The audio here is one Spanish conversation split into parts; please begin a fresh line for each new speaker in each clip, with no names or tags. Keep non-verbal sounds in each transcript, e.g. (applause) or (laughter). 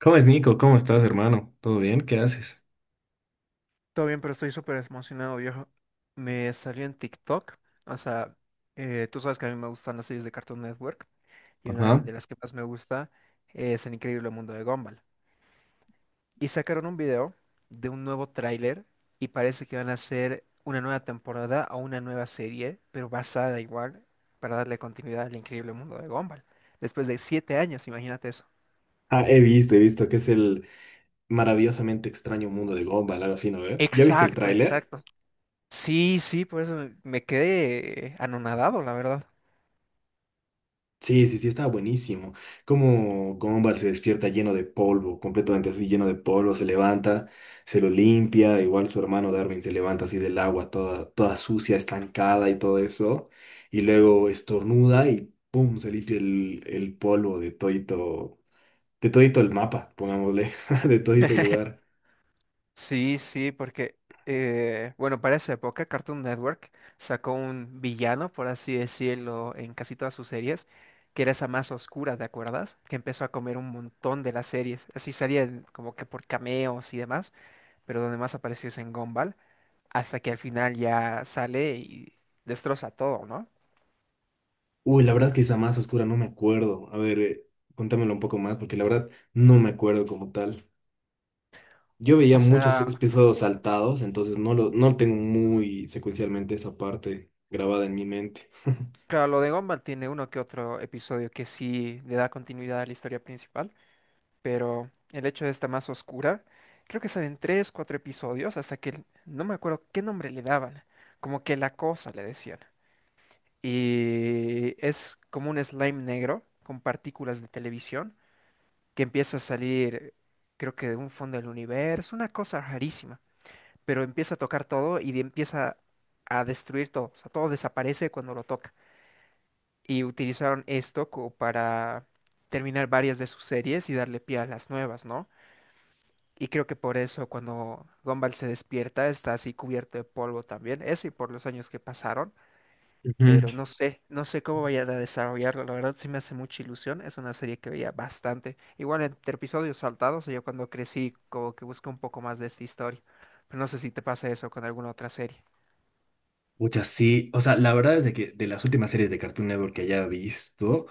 ¿Cómo es, Nico? ¿Cómo estás, hermano? ¿Todo bien? ¿Qué haces?
Todo bien, pero estoy súper emocionado, viejo. Me salió en TikTok. O sea, tú sabes que a mí me gustan las series de Cartoon Network. Y una
Ajá.
de las que más me gusta es El Increíble Mundo de Gumball. Y sacaron un video de un nuevo tráiler y parece que van a hacer una nueva temporada o una nueva serie, pero basada igual, para darle continuidad al Increíble Mundo de Gumball. Después de 7 años, imagínate eso.
Ah, he visto que es el maravillosamente extraño mundo de Gumball, algo así, ¿no ve? ¿Ya viste el
Exacto,
tráiler?
exacto. Sí, sí, por eso me quedé anonadado, la verdad.
Sí, sí, sí, estaba buenísimo. Cómo Gumball se despierta lleno de polvo, completamente así, lleno de polvo, se levanta, se lo limpia, igual su hermano Darwin se levanta así del agua, toda, toda sucia, estancada y todo eso, y luego estornuda y ¡pum! Se limpia el polvo de todito el mapa, pongámosle, (laughs) de todito el
(laughs)
lugar.
Sí, sí, porque, bueno, para esa época Cartoon Network sacó un villano, por así decirlo, en casi todas sus series, que era esa más oscura, ¿te acuerdas? Que empezó a comer un montón de las series. Así como que por cameos y demás, pero donde más apareció es en Gumball, hasta que al final ya sale y destroza todo, ¿no?
Uy, la verdad que esa más oscura, no me acuerdo. A ver, cuéntamelo un poco más, porque la verdad no me acuerdo como tal. Yo veía
O
muchos
sea,
episodios saltados, entonces no lo, no tengo muy secuencialmente esa parte grabada en mi mente. (laughs)
claro, lo de Gumball tiene uno que otro episodio que sí le da continuidad a la historia principal, pero el hecho de esta más oscura, creo que salen tres, cuatro episodios hasta que no me acuerdo qué nombre le daban, como que la cosa le decían. Y es como un slime negro con partículas de televisión que empieza a salir, creo que de un fondo del universo, una cosa rarísima, pero empieza a tocar todo empieza a destruir todo, o sea, todo desaparece cuando lo toca. Y utilizaron esto como para terminar varias de sus series y darle pie a las nuevas, ¿no? Y creo que por eso cuando Gumball se despierta está así cubierto de polvo también, eso y por los años que pasaron,
Ujú.
pero no sé, no sé cómo vayan a desarrollarlo, la verdad sí me hace mucha ilusión, es una serie que veía bastante, igual entre episodios saltados, yo cuando crecí como que busqué un poco más de esta historia, pero no sé si te pasa eso con alguna otra serie.
Pucha, sí. O sea, la verdad es de que de las últimas series de Cartoon Network que haya visto,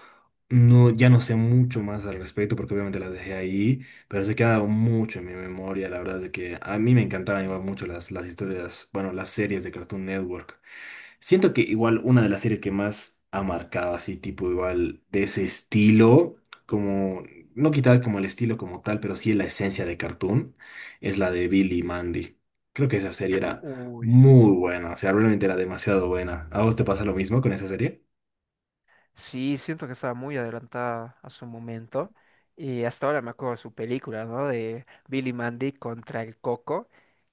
no, ya no sé mucho más al respecto porque obviamente las dejé ahí, pero se queda mucho en mi memoria. La verdad es de que a mí me encantaban igual mucho las historias, bueno, las series de Cartoon Network. Siento que igual una de las series que más ha marcado así, tipo igual de ese estilo, como, no quitar como el estilo como tal, pero sí la esencia de Cartoon, es la de Billy y Mandy. Creo que esa serie era
Uy, sí.
muy buena, o sea, realmente era demasiado buena. ¿A vos te pasa lo mismo con esa serie?
Sí, siento que estaba muy adelantada a su momento. Y hasta ahora me acuerdo de su película, ¿no? De Billy Mandy contra el Coco.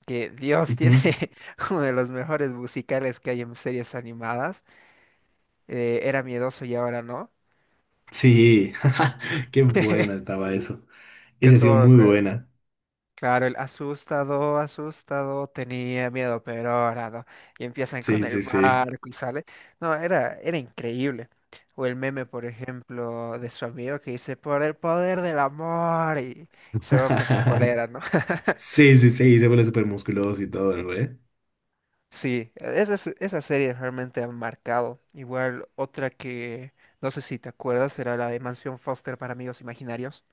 Que Dios tiene
Ujú.
(laughs) uno de los mejores musicales que hay en series animadas. Era miedoso y ahora no.
Sí,
Sí.
(laughs) qué buena estaba eso.
Que
Esa ha sido
todo.
muy buena.
Claro, el asustado, asustado, tenía miedo, pero ahora no. Y empiezan con
Sí,
el
sí, sí.
barco y sale. No, era, era increíble. O el meme, por ejemplo, de su amigo que dice, por el poder del amor, y se rompe su
(laughs)
polera, ¿no? (laughs)
Sí, sí, sí, se vuelve súper musculoso y todo, ¿no, güey?
Sí, esas, esas series realmente han marcado. Igual otra que, no sé si te acuerdas, era la de Mansión Foster para amigos imaginarios.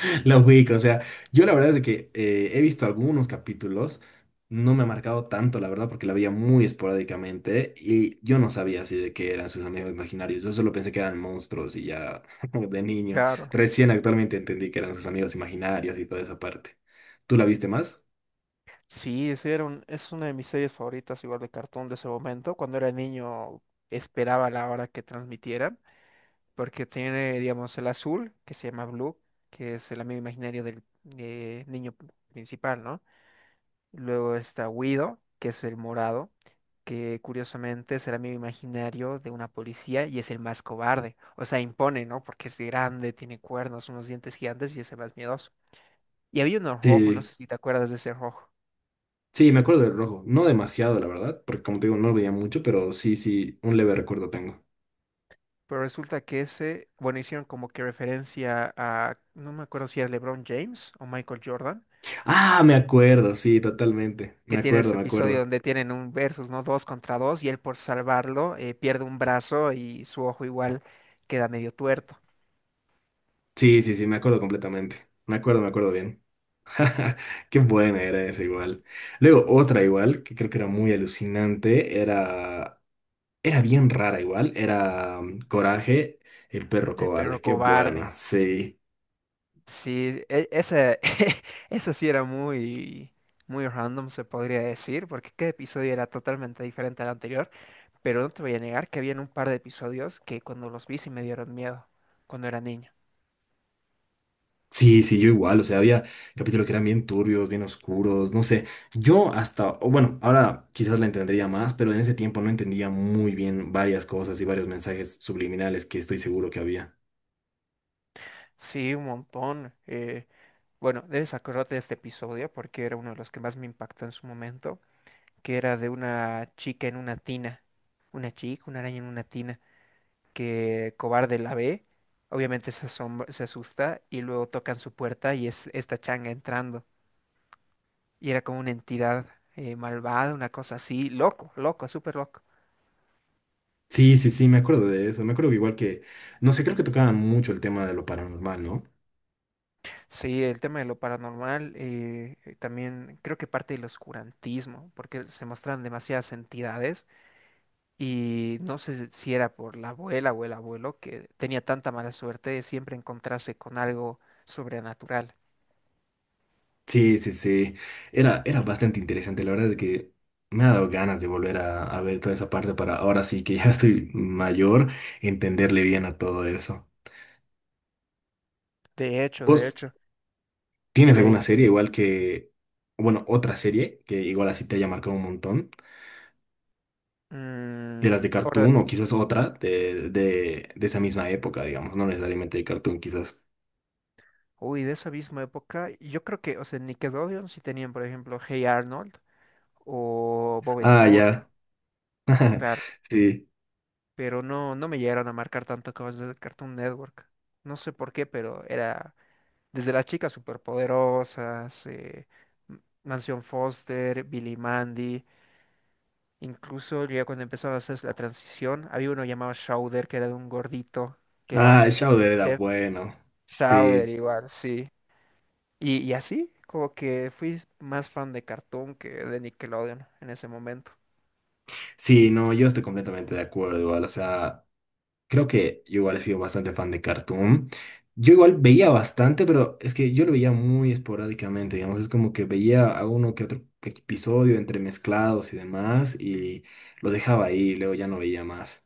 (laughs) La ubico, o sea, yo la verdad es de que he visto algunos capítulos, no me ha marcado tanto, la verdad, porque la veía muy esporádicamente y yo no sabía así de que eran sus amigos imaginarios, yo solo pensé que eran monstruos y ya (laughs) de niño,
Claro.
recién actualmente entendí que eran sus amigos imaginarios y toda esa parte. ¿Tú la viste más?
Sí, es una de mis series favoritas, igual de cartoon de ese momento. Cuando era niño esperaba la hora que transmitieran, porque tiene, digamos, el azul, que se llama Blue, que es el amigo imaginario del niño principal, ¿no? Luego está Guido, que es el morado, que curiosamente es el amigo imaginario de una policía y es el más cobarde. O sea, impone, ¿no? Porque es grande, tiene cuernos, unos dientes gigantes y es el más miedoso. Y había uno rojo, no
Sí,
sé si te acuerdas de ese rojo.
sí, me acuerdo del rojo, no demasiado, la verdad, porque como te digo, no lo veía mucho, pero sí, sí, un leve recuerdo tengo.
Pero resulta que ese, bueno, hicieron como que referencia a, no me acuerdo si era LeBron James o Michael Jordan,
Ah, me acuerdo, sí, totalmente,
que
me
tiene
acuerdo,
ese
me
episodio
acuerdo.
donde tienen un versus, ¿no? Dos contra dos y él por salvarlo pierde un brazo y su ojo igual queda medio tuerto.
Sí, sí, sí, me acuerdo completamente. Me acuerdo bien. (laughs) Qué buena era esa igual. Luego otra igual, que creo que era muy alucinante, era bien rara igual, era Coraje, el perro
El perro
cobarde. Qué
cobarde.
buena, sí.
Sí, ese, (laughs) eso sí era muy, muy random, se podría decir, porque cada episodio era totalmente diferente al anterior, pero no te voy a negar que habían un par de episodios que cuando los vi sí me dieron miedo cuando era niño.
Sí, sí, yo igual, o sea, había capítulos que eran bien turbios, bien oscuros, no sé. Yo hasta, o bueno, ahora quizás la entendería más, pero en ese tiempo no entendía muy bien varias cosas y varios mensajes subliminales que estoy seguro que había.
Sí, un montón. Bueno, debes acordarte de este episodio porque era uno de los que más me impactó en su momento, que era de una chica en una tina, una chica, una araña en una tina, que cobarde la ve, obviamente se asusta y luego tocan su puerta y es esta changa entrando. Y era como una entidad malvada, una cosa así, loco, loco, súper loco.
Sí, sí, sí, me acuerdo de eso. Me acuerdo que igual que, no sé, creo que tocaban mucho el tema de lo paranormal, ¿no?
Sí, el tema de lo paranormal, también creo que parte del oscurantismo, porque se muestran demasiadas entidades. Y no sé si era por la abuela o el abuelo que tenía tanta mala suerte de siempre encontrarse con algo sobrenatural.
Sí, sí, sí. Era, era bastante interesante. La verdad es que me ha dado ganas de volver a ver toda esa parte para ahora sí que ya (laughs) estoy mayor, entenderle bien a todo eso.
De
¿Vos
hecho,
tienes
dime,
alguna
dime.
serie igual que, bueno, otra serie que igual así te haya marcado un montón? De las
Mm,
de
ahora,
Cartoon o quizás otra de, de esa misma época, digamos, no necesariamente de Cartoon, quizás.
uy, de esa misma época, yo creo que, o sea, Nickelodeon sí tenían, por ejemplo, Hey Arnold o Bob
Ah,
Esponja,
ya. (laughs)
claro,
Sí.
pero no, no me llegaron a marcar tanto como los de Cartoon Network. No sé por qué, pero era desde las chicas superpoderosas, Mansión Foster, Billy Mandy. Incluso ya cuando empezaron a hacer la transición, había uno llamado Schauder, que era de un gordito, que era
Ah,
asistente de
Shauder
un
era
chef.
bueno. Sí,
Schauder igual, sí. Y así, como que fui más fan de Cartoon que de Nickelodeon en ese momento.
sí, no, yo estoy completamente de acuerdo igual. O sea, creo que yo igual he sido bastante fan de Cartoon. Yo igual veía bastante, pero es que yo lo veía muy esporádicamente, digamos. Es como que veía a uno que otro episodio entremezclados y demás, y lo dejaba ahí, y luego ya no veía más.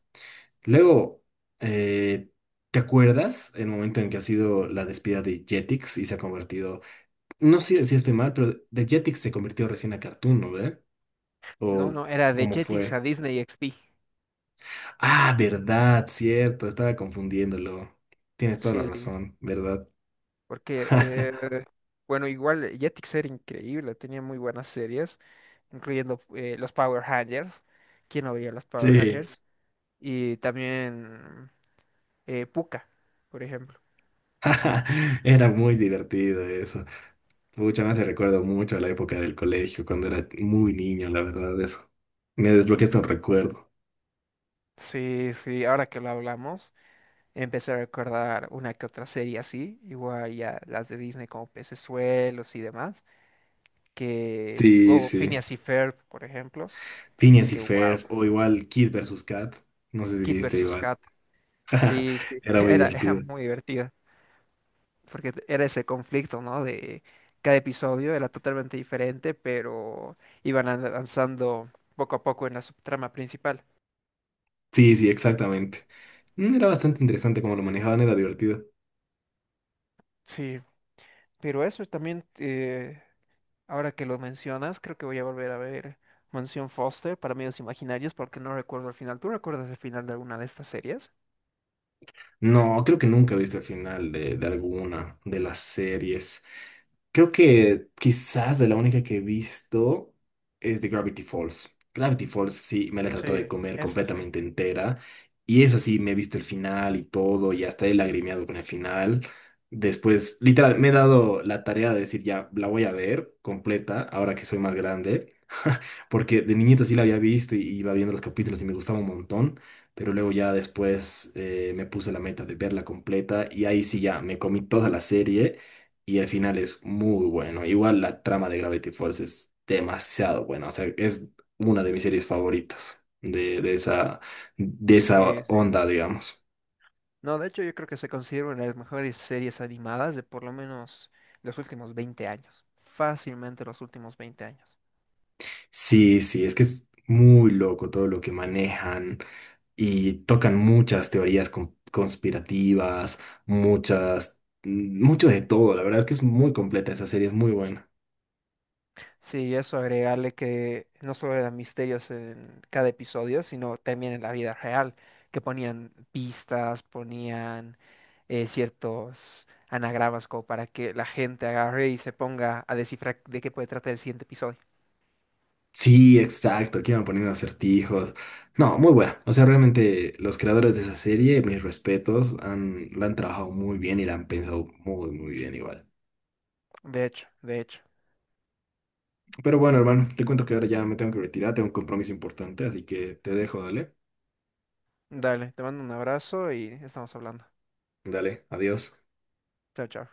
Luego, eh, ¿te acuerdas el momento en que ha sido la despedida de Jetix y se ha convertido, no sé si estoy mal, pero de Jetix se convirtió recién a Cartoon, ¿no ve?
No,
¿O
no, era de
cómo
Jetix a
fue?
Disney XD.
Ah, verdad, cierto, estaba confundiéndolo. Tienes toda la
Sí,
razón, ¿verdad?
porque,
(laughs)
bueno, igual Jetix era increíble, tenía muy buenas series, incluyendo los Power Rangers. ¿Quién no veía los Power
Sí,
Rangers? Y también Pucca, por ejemplo.
(laughs) era muy divertido eso. Mucho más se recuerdo mucho a la época del colegio, cuando era muy niño, la verdad, eso. Me desbloqueaste un recuerdo.
Sí, sí, ahora que lo hablamos, empecé a recordar una que otra serie así, igual ya las de Disney como Pecesuelos y demás, que,
Sí,
o
sí.
Phineas y Ferb, por ejemplo,
Phineas y
que wow,
Ferb, o igual Kid versus Kat. No sé si
Kid
viste
versus
igual.
Kat,
(laughs)
sí, sí,
Era
(laughs)
muy
era, era
divertido.
muy divertida, porque era ese conflicto, ¿no? De cada episodio era totalmente diferente, pero iban avanzando poco a poco en la subtrama principal.
Sí, sí, exactamente. Mm, era bastante interesante cómo lo manejaban, era divertido.
Sí, pero eso también. Ahora que lo mencionas, creo que voy a volver a ver Mansión Foster para medios imaginarios porque no recuerdo el final. ¿Tú recuerdas el final de alguna de estas series?
No, creo que nunca he visto el final de alguna de las series. Creo que quizás de la única que he visto es de Gravity Falls. Gravity Falls sí, me la trató de
Sí,
comer
eso sí.
completamente entera. Y es así, me he visto el final y todo, y hasta he lagrimeado con el final. Después, literal, me he dado la tarea de decir, ya, la voy a ver completa, ahora que soy más grande. (laughs) Porque de niñito sí la había visto y iba viendo los capítulos y me gustaba un montón. Pero luego ya después me puse la meta de verla completa y ahí sí ya me comí toda la serie y el final es muy bueno. Igual la trama de Gravity Falls es demasiado buena, o sea, es una de mis series favoritas de esa
Sí, sí.
onda, digamos.
No, de hecho yo creo que se considera una de las mejores series animadas de por lo menos los últimos 20 años. Fácilmente los últimos 20 años.
Sí, sí, es que es muy loco todo lo que manejan y tocan muchas teorías con- conspirativas, muchas, mucho de todo, la verdad es que es muy completa esa serie, es muy buena.
Sí, y eso agregarle que no solo eran misterios en cada episodio, sino también en la vida real, que ponían pistas, ponían ciertos anagramas como para que la gente agarre y se ponga a descifrar de qué puede tratar el siguiente episodio.
Sí, exacto, que iban poniendo acertijos. No, muy buena. O sea, realmente los creadores de esa serie, mis respetos, han, la han trabajado muy bien y la han pensado muy, muy bien igual.
De hecho, de hecho.
Pero bueno, hermano, te cuento que ahora ya me tengo que retirar, tengo un compromiso importante, así que te dejo, dale.
Dale, te mando un abrazo y estamos hablando.
Dale, adiós.
Chao, chao.